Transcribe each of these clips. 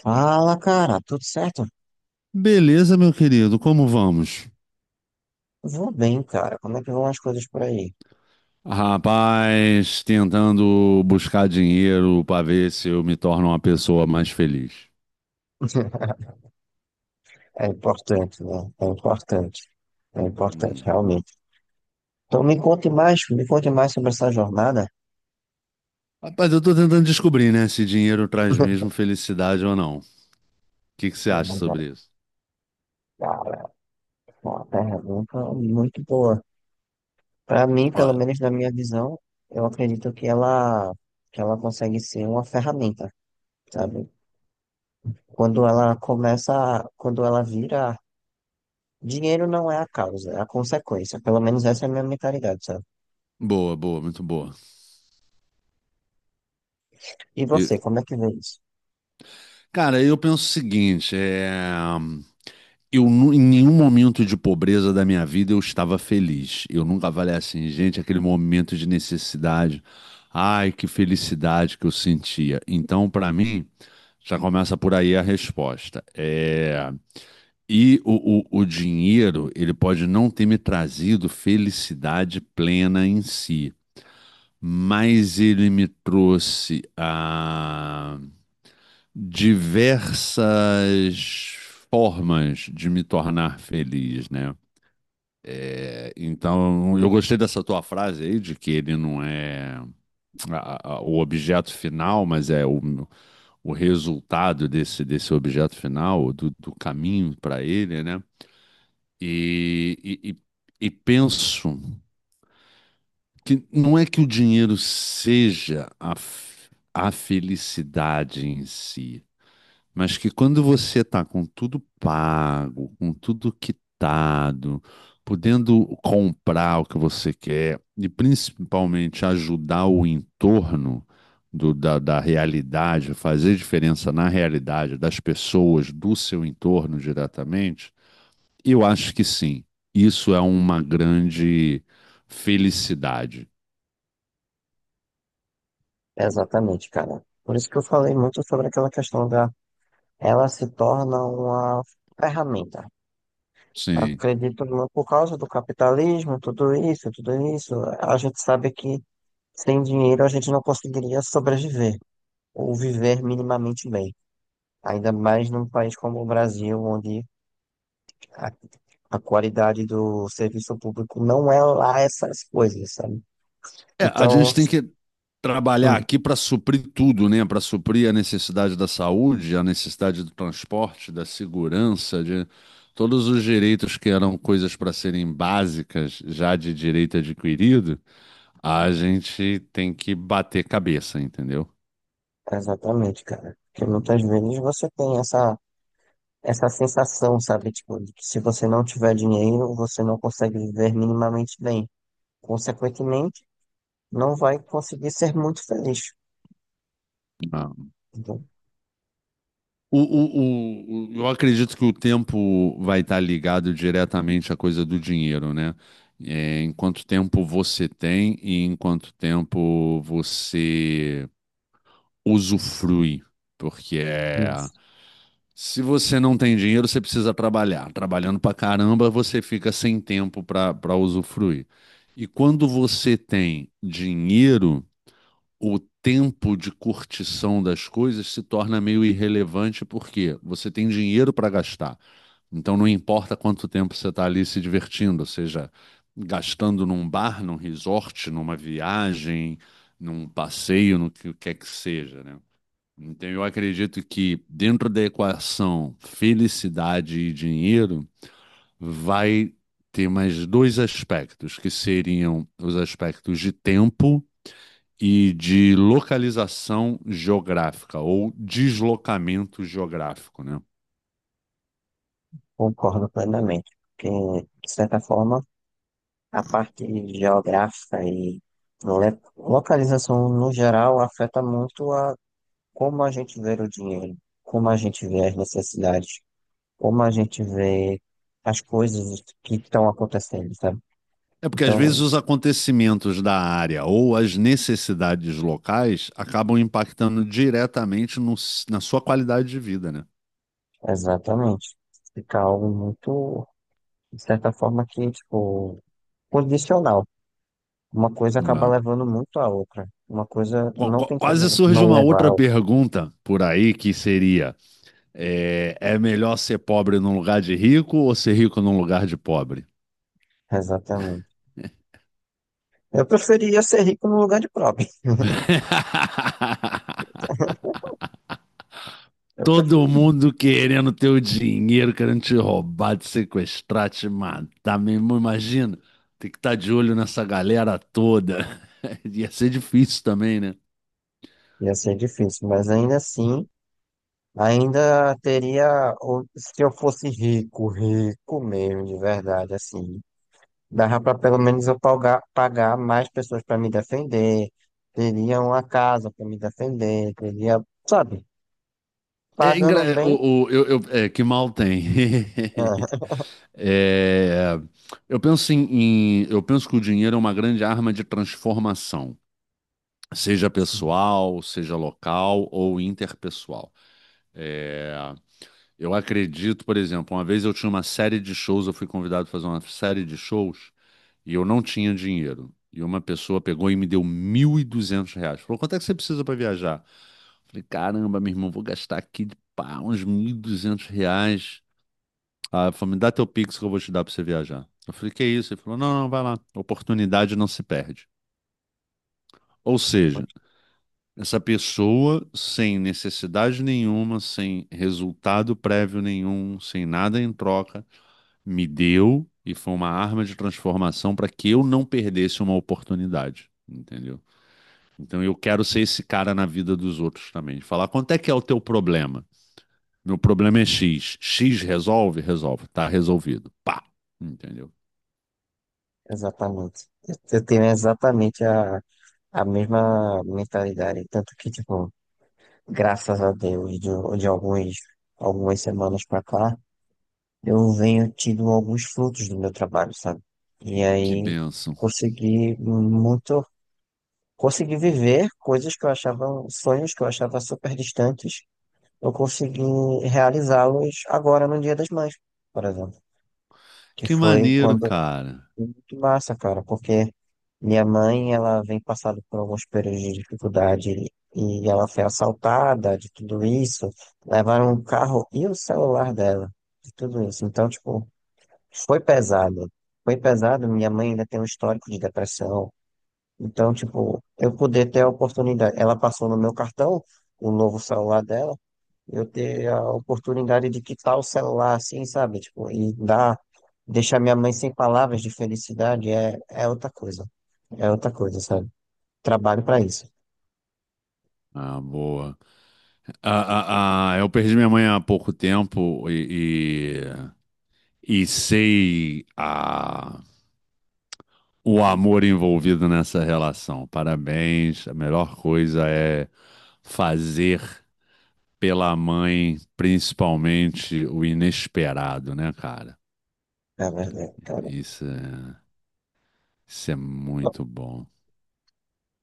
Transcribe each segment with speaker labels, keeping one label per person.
Speaker 1: Fala, cara, tudo certo?
Speaker 2: Beleza, meu querido, como vamos?
Speaker 1: Vou bem, cara. Como é que vão as coisas por aí?
Speaker 2: Rapaz, tentando buscar dinheiro para ver se eu me torno uma pessoa mais feliz.
Speaker 1: É importante, né? É importante. É importante,
Speaker 2: Hum.
Speaker 1: realmente. Então me conte mais sobre essa jornada.
Speaker 2: Rapaz, eu tô tentando descobrir, né, se dinheiro traz mesmo felicidade ou não. O que que você acha sobre isso?
Speaker 1: Cara, é uma pergunta muito boa. Para mim, pelo
Speaker 2: Olha,
Speaker 1: menos na minha visão, eu acredito que ela consegue ser uma ferramenta, sabe? Quando ela começa, quando ela vira, dinheiro não é a causa, é a consequência. Pelo menos essa é a minha mentalidade, sabe?
Speaker 2: boa, boa, muito boa.
Speaker 1: E
Speaker 2: E,
Speaker 1: você, como é que vê isso?
Speaker 2: cara, eu penso o seguinte. Em nenhum momento de pobreza da minha vida eu estava feliz. Eu nunca falei assim, gente, aquele momento de necessidade. Ai, que felicidade que eu sentia. Então, para mim, já começa por aí a resposta. E o dinheiro, ele pode não ter me trazido felicidade plena em si, mas ele me trouxe a diversas formas de me tornar feliz, né? É, então, eu gostei dessa tua frase aí, de que ele não é o objeto final, mas é o resultado desse objeto final, do caminho para ele, né? E, e, e e penso que não é que o dinheiro seja a felicidade em si, mas que quando você está com tudo pago, com tudo quitado, podendo comprar o que você quer e principalmente ajudar o entorno da realidade, fazer diferença na realidade das pessoas do seu entorno diretamente, eu acho que sim. Isso é uma grande felicidade.
Speaker 1: Exatamente, cara. Por isso que eu falei muito sobre aquela questão da ela se torna uma ferramenta.
Speaker 2: Sim.
Speaker 1: Acredito muito por causa do capitalismo, tudo isso, tudo isso. A gente sabe que sem dinheiro a gente não conseguiria sobreviver ou viver minimamente bem. Ainda mais num país como o Brasil, onde a, a qualidade do serviço público não é lá essas coisas, sabe?
Speaker 2: É, a
Speaker 1: Então,
Speaker 2: gente tem que trabalhar
Speaker 1: hum,
Speaker 2: aqui para suprir tudo, né? Para suprir a necessidade da saúde, a necessidade do transporte, da segurança, de todos os direitos que eram coisas para serem básicas, já de direito adquirido, a gente tem que bater cabeça, entendeu?
Speaker 1: exatamente, cara. Porque muitas
Speaker 2: Ah,
Speaker 1: vezes você tem essa sensação, sabe? Tipo, de que se você não tiver dinheiro, você não consegue viver minimamente bem. Consequentemente, não vai conseguir ser muito feliz.
Speaker 2: ah.
Speaker 1: Então,
Speaker 2: Eu acredito que o tempo vai estar ligado diretamente à coisa do dinheiro, né? É, em quanto tempo você tem e em quanto tempo você usufrui, porque é,
Speaker 1: isso,
Speaker 2: se você não tem dinheiro, você precisa trabalhar. Trabalhando pra caramba, você fica sem tempo pra para usufruir. E quando você tem dinheiro, o tempo de curtição das coisas se torna meio irrelevante porque você tem dinheiro pra gastar. Então não importa quanto tempo você está ali se divertindo, ou seja, gastando num bar, num resort, numa viagem, num passeio, no que quer que seja, né? Então, eu acredito que dentro da equação felicidade e dinheiro, vai ter mais dois aspectos, que seriam os aspectos de tempo e de localização geográfica ou deslocamento geográfico, né?
Speaker 1: concordo plenamente. Porque, de certa forma, a parte geográfica e localização no geral afeta muito a como a gente vê o dinheiro, como a gente vê as necessidades, como a gente vê as coisas que estão acontecendo, sabe?
Speaker 2: É porque às vezes
Speaker 1: Então,
Speaker 2: os acontecimentos da área ou as necessidades locais acabam impactando diretamente na sua qualidade de vida, né?
Speaker 1: exatamente. Fica algo muito, de certa forma, que, tipo, condicional. Uma coisa acaba
Speaker 2: É.
Speaker 1: levando muito à outra. Uma coisa não tem
Speaker 2: Quase
Speaker 1: como
Speaker 2: surge
Speaker 1: não
Speaker 2: uma
Speaker 1: levar
Speaker 2: outra
Speaker 1: à outra.
Speaker 2: pergunta por aí que seria: é melhor ser pobre num lugar de rico ou ser rico num lugar de pobre?
Speaker 1: Exatamente. Eu preferia ser rico no lugar de pobre. Eu
Speaker 2: Todo
Speaker 1: preferia.
Speaker 2: mundo querendo teu dinheiro, querendo te roubar, te sequestrar, te matar, meu irmão. Imagina, tem que estar de olho nessa galera toda. Ia ser difícil também, né?
Speaker 1: Ia ser difícil, mas ainda assim, ainda teria, se eu fosse rico, rico mesmo, de verdade, assim. Dava para pelo menos eu pagar mais pessoas para me defender, teria uma casa para me defender, teria, sabe,
Speaker 2: É,
Speaker 1: pagando bem.
Speaker 2: que mal tem.
Speaker 1: Ah,
Speaker 2: É, eu penso eu penso que o dinheiro é uma grande arma de transformação, seja
Speaker 1: sim,
Speaker 2: pessoal, seja local ou interpessoal. É, eu acredito, por exemplo, uma vez eu tinha uma série de shows, eu fui convidado a fazer uma série de shows e eu não tinha dinheiro. E uma pessoa pegou e me deu R$ 1.200. Falou, quanto é que você precisa para viajar? Falei, caramba, meu irmão, vou gastar aqui de pá, uns R$ 1.200. Ah, falou, me dá teu Pix que eu vou te dar para você viajar. Eu falei, que isso? Ele falou, não, não, vai lá. Oportunidade não se perde. Ou seja,
Speaker 1: muito-
Speaker 2: essa pessoa sem necessidade nenhuma, sem resultado prévio nenhum, sem nada em troca, me deu e foi uma arma de transformação para que eu não perdesse uma oportunidade, entendeu? Então eu quero ser esse cara na vida dos outros também. Falar quanto é que é o teu problema? Meu problema é X. X resolve? Resolve. Tá resolvido. Pá. Entendeu?
Speaker 1: exatamente. Eu tenho exatamente a mesma mentalidade. Tanto que, tipo, graças a Deus, de alguns, algumas semanas para cá, eu venho tido alguns frutos do meu trabalho, sabe? E
Speaker 2: Que
Speaker 1: aí
Speaker 2: bênção.
Speaker 1: consegui muito consegui viver coisas que eu achava, sonhos que eu achava super distantes, eu consegui realizá-los agora no Dia das Mães, por exemplo. Que
Speaker 2: Que
Speaker 1: foi
Speaker 2: maneiro,
Speaker 1: quando
Speaker 2: cara.
Speaker 1: foi muito massa, cara, porque minha mãe, ela vem passando por alguns períodos de dificuldade e ela foi assaltada de tudo isso, levaram o carro e o celular dela, de tudo isso. Então, tipo, foi pesado. Foi pesado, minha mãe ainda tem um histórico de depressão, então, tipo, eu poder ter a oportunidade. Ela passou no meu cartão, o novo celular dela, eu ter a oportunidade de quitar o celular assim, sabe? Tipo, e dar, deixar minha mãe sem palavras de felicidade é outra coisa. É outra coisa, sabe? Trabalho pra isso,
Speaker 2: Ah, boa. Ah, ah, ah, eu perdi minha mãe há pouco tempo e, sei a o amor envolvido nessa relação. Parabéns. A melhor coisa é fazer pela mãe, principalmente o inesperado, né, cara?
Speaker 1: é verdade, cara.
Speaker 2: Isso é, isso é muito bom.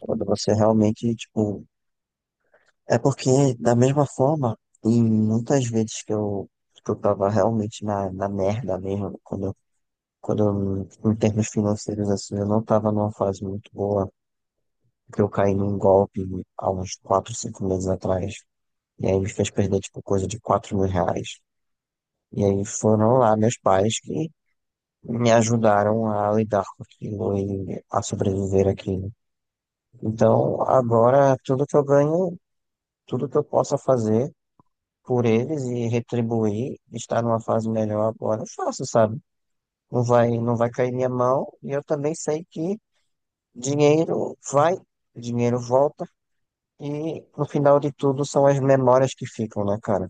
Speaker 1: Quando você realmente, tipo. É porque, da mesma forma, e muitas vezes que eu tava realmente na merda mesmo, quando eu, em termos financeiros, assim, eu não estava numa fase muito boa, porque eu caí num golpe há uns 4 5 meses atrás, e aí me fez perder, tipo, coisa de 4 mil reais. E aí foram lá meus pais que me ajudaram a lidar com aquilo e a sobreviver aquilo. Então, agora, tudo que eu ganho, tudo que eu possa fazer por eles e retribuir, estar numa fase melhor agora, eu faço, sabe? Não vai cair minha mão, e eu também sei que dinheiro vai, dinheiro volta e no final de tudo são as memórias que ficam, né, cara?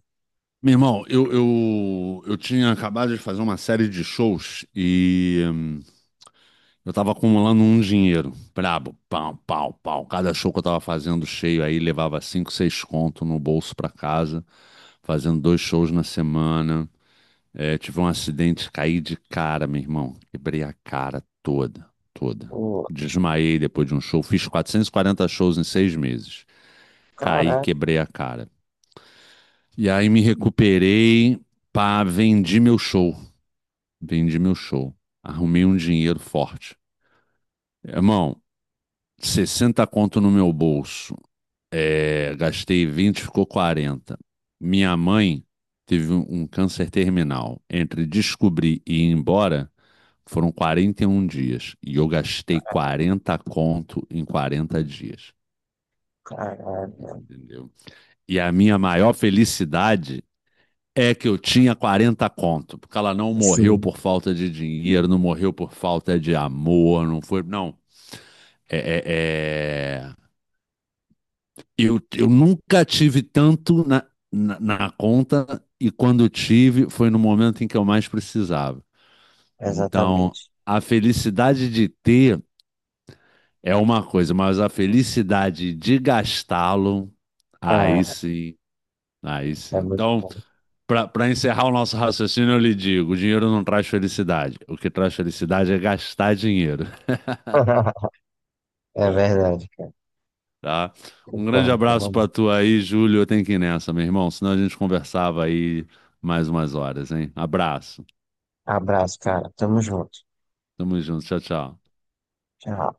Speaker 2: Meu irmão, eu tinha acabado de fazer uma série de shows e eu tava acumulando um dinheiro. Brabo, pau, pau, pau. Cada show que eu tava fazendo cheio aí levava cinco, seis conto no bolso pra casa, fazendo dois shows na semana. É, tive um acidente, caí de cara, meu irmão. Quebrei a cara toda, toda.
Speaker 1: O,
Speaker 2: Desmaiei depois de um show. Fiz 440 shows em 6 meses. Caí,
Speaker 1: caraca,
Speaker 2: quebrei a cara. E aí me recuperei, pá, vendi meu show. Vendi meu show. Arrumei um dinheiro forte. Irmão, 60 conto no meu bolso. É, gastei 20, ficou 40. Minha mãe teve um câncer terminal. Entre descobrir e ir embora, foram 41 dias. E eu gastei 40 conto em 40 dias.
Speaker 1: caralho.
Speaker 2: Entendeu? E a minha maior felicidade é que eu tinha 40 conto. Porque ela não morreu
Speaker 1: Sim,
Speaker 2: por falta de dinheiro, não morreu por falta de amor, não foi. Não. É, é, é... eu nunca tive tanto na conta e quando tive foi no momento em que eu mais precisava. Então,
Speaker 1: exatamente.
Speaker 2: a felicidade de ter é uma coisa, mas a felicidade de gastá-lo, aí
Speaker 1: Ah,
Speaker 2: sim, aí sim.
Speaker 1: é muito
Speaker 2: Então,
Speaker 1: bom.
Speaker 2: para encerrar o nosso raciocínio, eu lhe digo: o dinheiro não traz felicidade. O que traz felicidade é gastar dinheiro.
Speaker 1: É verdade, cara.
Speaker 2: Tá? Um grande
Speaker 1: Concordo,
Speaker 2: abraço
Speaker 1: concordo.
Speaker 2: pra tu aí, Júlio. Eu tenho que ir nessa, meu irmão, senão a gente conversava aí mais umas horas, hein? Abraço.
Speaker 1: Abraço, cara. Tamo junto.
Speaker 2: Tamo junto. Tchau, tchau.
Speaker 1: Tchau.